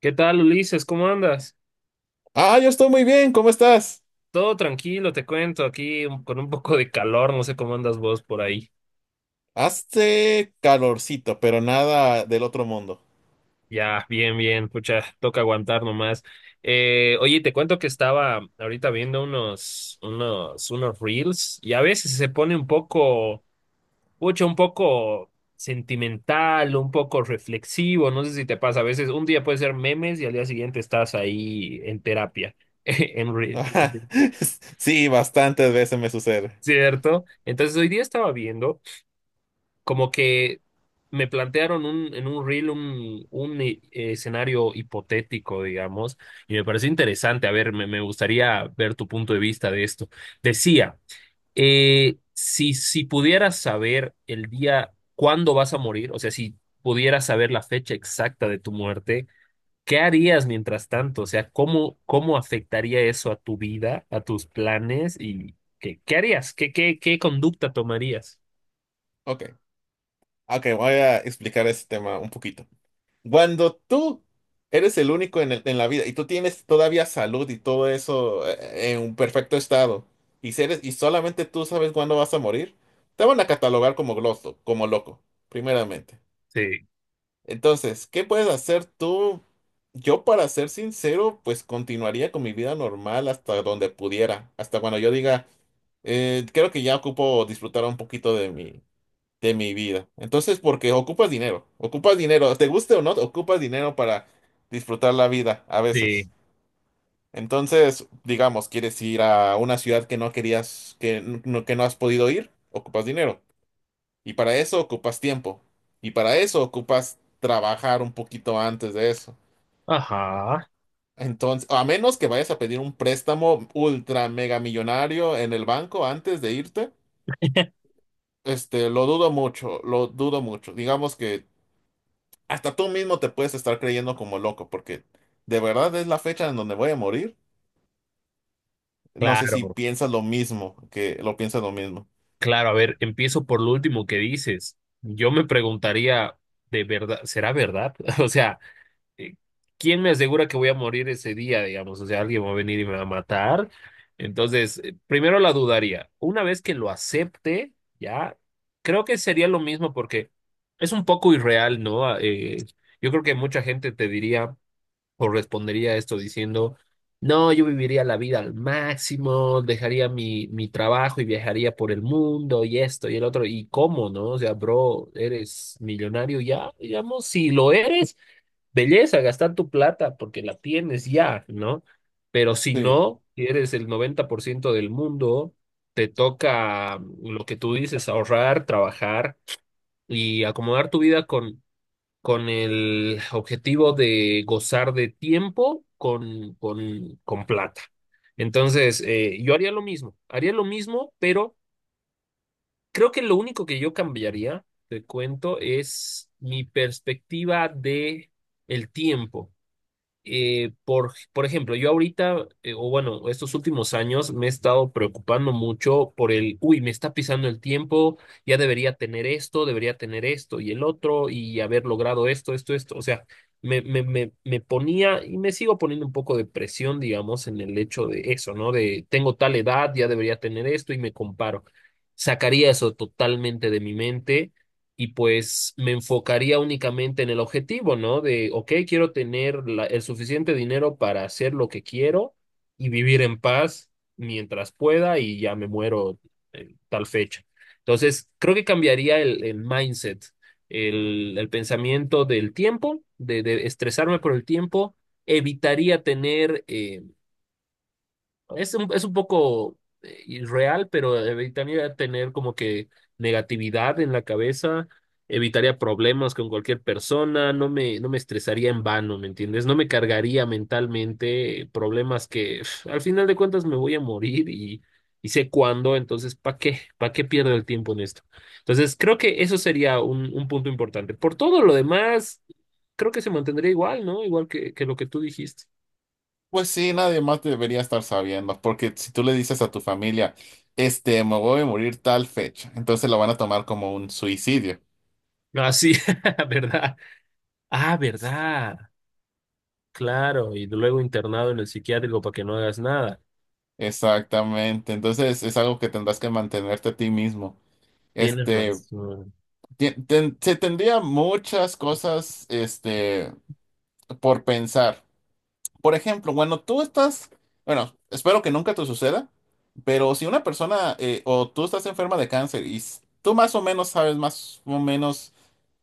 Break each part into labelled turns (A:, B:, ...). A: ¿Qué tal, Ulises? ¿Cómo andas?
B: Ah, yo estoy muy bien, ¿cómo estás?
A: Todo tranquilo, te cuento, aquí con un poco de calor, no sé cómo andas vos por ahí.
B: Hace calorcito, pero nada del otro mundo.
A: Ya, bien, bien, pucha, toca aguantar nomás. Oye, te cuento que estaba ahorita viendo unos reels y a veces se pone pucha, un poco sentimental, un poco reflexivo, no sé si te pasa, a veces un día puede ser memes y al día siguiente estás ahí en terapia, en reel,
B: Ajá. Sí, bastantes veces me sucede.
A: ¿cierto? Entonces hoy día estaba viendo, como que me plantearon en un reel un escenario hipotético, digamos, y me pareció interesante. A ver, me gustaría ver tu punto de vista de esto. Decía, si pudieras saber el día cuándo vas a morir, o sea, si pudieras saber la fecha exacta de tu muerte, ¿qué harías mientras tanto? O sea, ¿cómo afectaría eso a tu vida, a tus planes y qué harías? ¿Qué conducta tomarías?
B: Ok, ok, voy a explicar ese tema un poquito. Cuando tú eres el único en el- en la vida y tú tienes todavía salud y todo eso en un perfecto estado y, si eres- y solamente tú sabes cuándo vas a morir, te van a catalogar como gloso, como loco, primeramente.
A: Sí.
B: Entonces, ¿qué puedes hacer tú? Yo, para ser sincero, pues continuaría con mi vida normal hasta donde pudiera, hasta cuando yo diga, Creo que ya ocupo disfrutar un poquito de mi vida." Entonces, porque ocupas dinero, te guste o no, ocupas dinero para disfrutar la vida a veces.
A: Sí.
B: Entonces, digamos, quieres ir a una ciudad que no querías, que, que no has podido ir, ocupas dinero. Y para eso ocupas tiempo. Y para eso ocupas trabajar un poquito antes de eso.
A: Ajá,
B: Entonces, a menos que vayas a pedir un préstamo ultra mega millonario en el banco antes de irte, lo dudo mucho, lo dudo mucho. Digamos que hasta tú mismo te puedes estar creyendo como loco, porque de verdad es la fecha en donde voy a morir. No sé si
A: claro,
B: piensas lo mismo, que lo piensas lo mismo.
A: claro. A ver, empiezo por lo último que dices. Yo me preguntaría, ¿de verdad? ¿Será verdad? O sea, eh, ¿quién me asegura que voy a morir ese día, digamos? O sea, alguien va a venir y me va a matar. Entonces, primero la dudaría. Una vez que lo acepte, ya, creo que sería lo mismo porque es un poco irreal, ¿no? Ah, yo creo que mucha gente te diría, correspondería a esto diciendo, no, yo viviría la vida al máximo, dejaría mi trabajo y viajaría por el mundo y esto y el otro. ¿Y cómo, no? O sea, bro, eres millonario ya, digamos, si lo eres, belleza, gastar tu plata porque la tienes ya, ¿no? Pero si
B: Sí.
A: no, si eres el 90% del mundo, te toca lo que tú dices, ahorrar, trabajar y acomodar tu vida con el objetivo de gozar de tiempo con plata. Entonces, yo haría lo mismo, pero creo que lo único que yo cambiaría, te cuento, es mi perspectiva de el tiempo, por ejemplo, yo ahorita, o bueno, estos últimos años me he estado preocupando mucho uy, me está pisando el tiempo, ya debería tener esto y el otro, y haber logrado esto, esto, esto. O sea, me ponía y me sigo poniendo un poco de presión, digamos, en el hecho de eso, ¿no? De tengo tal edad, ya debería tener esto y me comparo. Sacaría eso totalmente de mi mente y pues me enfocaría únicamente en el objetivo, ¿no? De, ok, quiero tener el suficiente dinero para hacer lo que quiero y vivir en paz mientras pueda y ya me muero en tal fecha. Entonces, creo que cambiaría el mindset, el pensamiento del tiempo, de estresarme por el tiempo, evitaría tener, es un poco irreal, pero evitaría tener como que negatividad en la cabeza, evitaría problemas con cualquier persona, no me estresaría en vano, ¿me entiendes? No me cargaría mentalmente problemas que al final de cuentas me voy a morir y sé cuándo, entonces, ¿para qué? ¿Para qué pierdo el tiempo en esto? Entonces, creo que eso sería un punto importante. Por todo lo demás, creo que se mantendría igual, ¿no? Igual que lo que tú dijiste.
B: Pues sí, nadie más debería estar sabiendo, porque si tú le dices a tu familia, me voy a morir tal fecha, entonces lo van a tomar como un suicidio.
A: Ah, sí, ¿verdad? Ah, ¿verdad? Claro, y luego internado en el psiquiátrico para que no hagas nada.
B: Exactamente, entonces es algo que tendrás que mantenerte a ti mismo.
A: Tienes
B: Este,
A: razón.
B: Se tendría muchas cosas, por pensar. Por ejemplo, bueno, tú estás, bueno, espero que nunca te suceda, pero si una persona o tú estás enferma de cáncer y s- tú más o menos sabes más o menos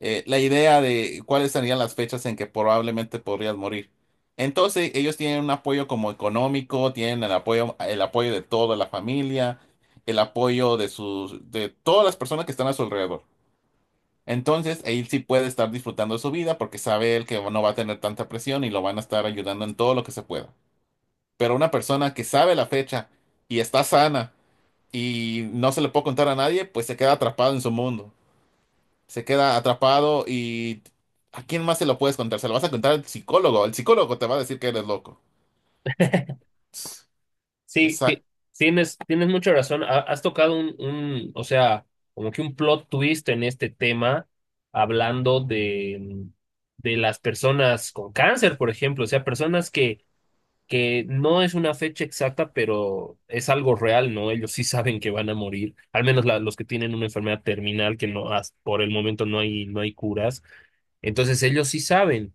B: la idea de cuáles serían las fechas en que probablemente podrías morir. Entonces ellos tienen un apoyo como económico, tienen el apoyo de toda la familia, el apoyo de sus, de todas las personas que están a su alrededor. Entonces, él sí puede estar disfrutando de su vida porque sabe él que no va a tener tanta presión y lo van a estar ayudando en todo lo que se pueda. Pero una persona que sabe la fecha y está sana y no se le puede contar a nadie, pues se queda atrapado en su mundo. Se queda atrapado y ¿a quién más se lo puedes contar? Se lo vas a contar al psicólogo. El psicólogo te va a decir que eres loco.
A: Sí,
B: Esa,
A: tienes mucha razón. Has tocado o sea, como que un plot twist en este tema, hablando de las personas con cáncer, por ejemplo. O sea, personas que no es una fecha exacta, pero es algo real, ¿no? Ellos sí saben que van a morir, al menos los que tienen una enfermedad terminal, que no, por el momento no hay curas. Entonces ellos sí saben.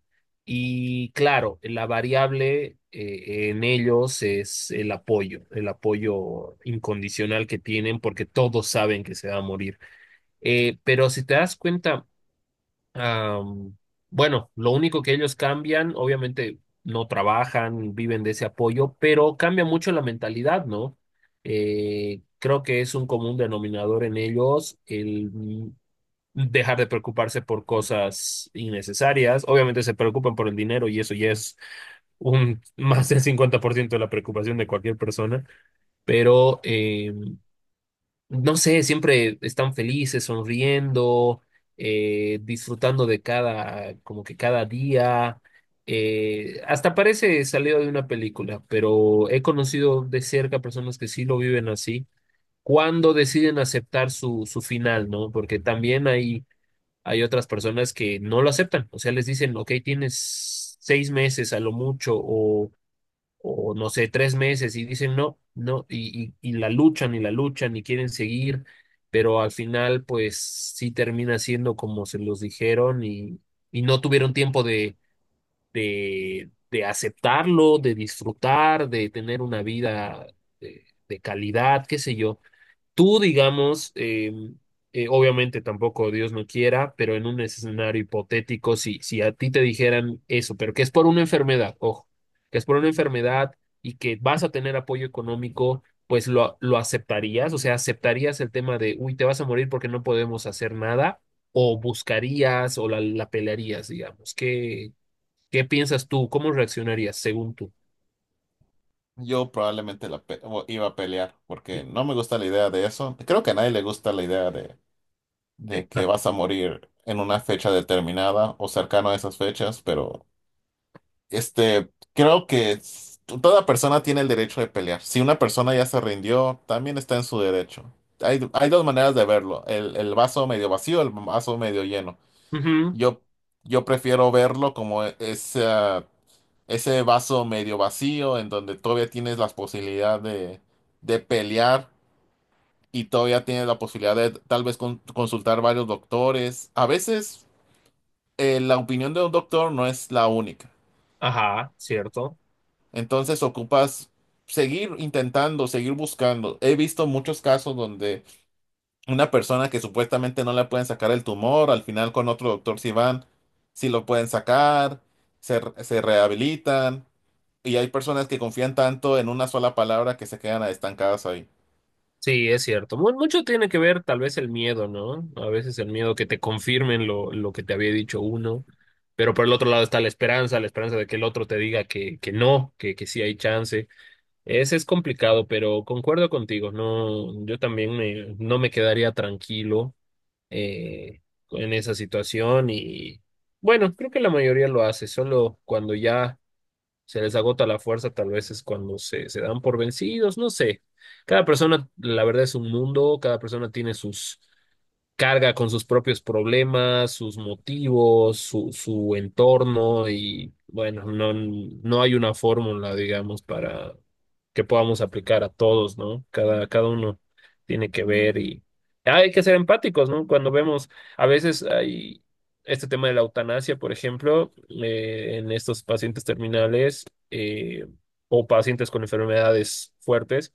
A: Y claro, la variable, en ellos es el apoyo incondicional que tienen porque todos saben que se va a morir. Pero si te das cuenta, am, bueno, lo único que ellos cambian, obviamente no trabajan, viven de ese apoyo, pero cambia mucho la mentalidad, ¿no? Creo que es un común denominador en ellos el dejar de preocuparse por cosas innecesarias. Obviamente se preocupan por el dinero y eso ya es un más del 50% de la preocupación de cualquier persona, pero no sé, siempre están felices, sonriendo, disfrutando de cada, como que cada día. Hasta parece salido de una película, pero he conocido de cerca personas que sí lo viven así, cuando deciden aceptar su final, ¿no? Porque también hay otras personas que no lo aceptan, o sea, les dicen, ok, tienes 6 meses a lo mucho o, no sé, 3 meses, y dicen no, no, y la luchan y la luchan y quieren seguir, pero al final pues sí termina siendo como se los dijeron y no tuvieron tiempo de aceptarlo, de disfrutar, de tener una vida de calidad, qué sé yo. Tú, digamos, obviamente tampoco Dios no quiera, pero en un escenario hipotético, si a ti te dijeran eso, pero que es por una enfermedad, ojo, que es por una enfermedad y que vas a tener apoyo económico, pues lo aceptarías, o sea, aceptarías el tema de, uy, te vas a morir porque no podemos hacer nada, o buscarías o la pelearías, digamos. ¿Qué piensas tú? ¿Cómo reaccionarías según tú?
B: yo probablemente la iba a pelear porque no me gusta la idea de eso. Creo que a nadie le gusta la idea de que
A: Exacto.
B: vas a morir en una fecha determinada o cercano a esas fechas, pero... creo que toda persona tiene el derecho de pelear. Si una persona ya se rindió, también está en su derecho. Hay dos maneras de verlo, el vaso medio vacío, el vaso medio lleno.
A: Ujú.
B: Yo, yo prefiero verlo como ese, ese vaso medio vacío en donde todavía tienes la posibilidad de pelear y todavía tienes la posibilidad de tal vez consultar varios doctores. A veces la opinión de un doctor no es la única.
A: Ajá, cierto.
B: Entonces ocupas seguir intentando, seguir buscando. He visto muchos casos donde una persona que supuestamente no le pueden sacar el tumor, al final con otro doctor si van, si lo pueden sacar, se rehabilitan. Y hay personas que confían tanto en una sola palabra que se quedan estancadas ahí.
A: Sí, es cierto. Mucho tiene que ver tal vez el miedo, ¿no? A veces el miedo que te confirmen lo que te había dicho uno, pero por el otro lado está la esperanza de que el otro te diga que no, que sí hay chance. Ese es complicado, pero concuerdo contigo, no, yo también no me quedaría tranquilo eh, en esa situación y bueno, creo que la mayoría lo hace, solo cuando ya se les agota la fuerza, tal vez es cuando se dan por vencidos, no sé. Cada persona, la verdad, es un mundo, cada persona tiene sus carga con sus propios problemas, sus motivos, su entorno y bueno, no, no hay una fórmula, digamos, para que podamos aplicar a todos, ¿no? Cada uno tiene que ver y ah, hay que ser empáticos, ¿no? Cuando vemos, a veces hay este tema de la eutanasia, por ejemplo, en estos pacientes terminales, eh, o pacientes con enfermedades fuertes,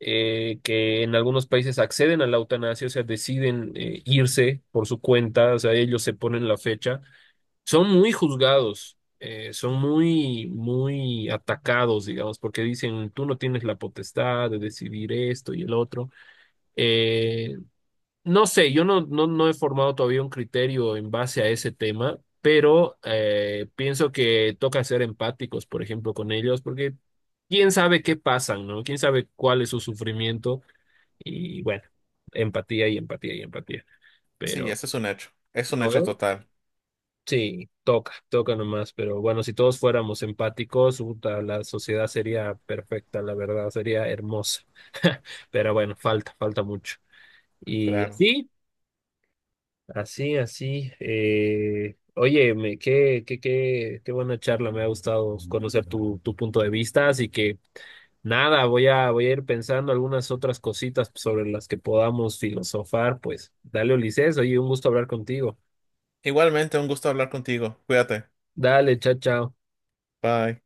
A: que en algunos países acceden a la eutanasia, o sea, deciden irse por su cuenta, o sea, ellos se ponen la fecha, son muy juzgados, son muy, muy atacados, digamos, porque dicen, tú no tienes la potestad de decidir esto y el otro. Eh, no sé, yo no he formado todavía un criterio en base a ese tema. Pero pienso que toca ser empáticos, por ejemplo, con ellos, porque quién sabe qué pasan, ¿no? Quién sabe cuál es su sufrimiento y bueno, empatía y empatía y empatía.
B: Sí,
A: Pero
B: ese es un hecho. Es un
A: ¿no
B: hecho
A: ve?
B: total,
A: Sí, toca, toca nomás. Pero bueno, si todos fuéramos empáticos, puta, la sociedad sería perfecta, la verdad, sería hermosa. Pero bueno, falta, falta mucho. Y
B: claro.
A: así. Así, así. Oye, qué buena charla. Me ha gustado conocer tu punto de vista. Así que nada, voy a ir pensando algunas otras cositas sobre las que podamos filosofar. Pues dale, Ulises. Oye, un gusto hablar contigo.
B: Igualmente, un gusto hablar contigo. Cuídate.
A: Dale, chao, chao.
B: Bye.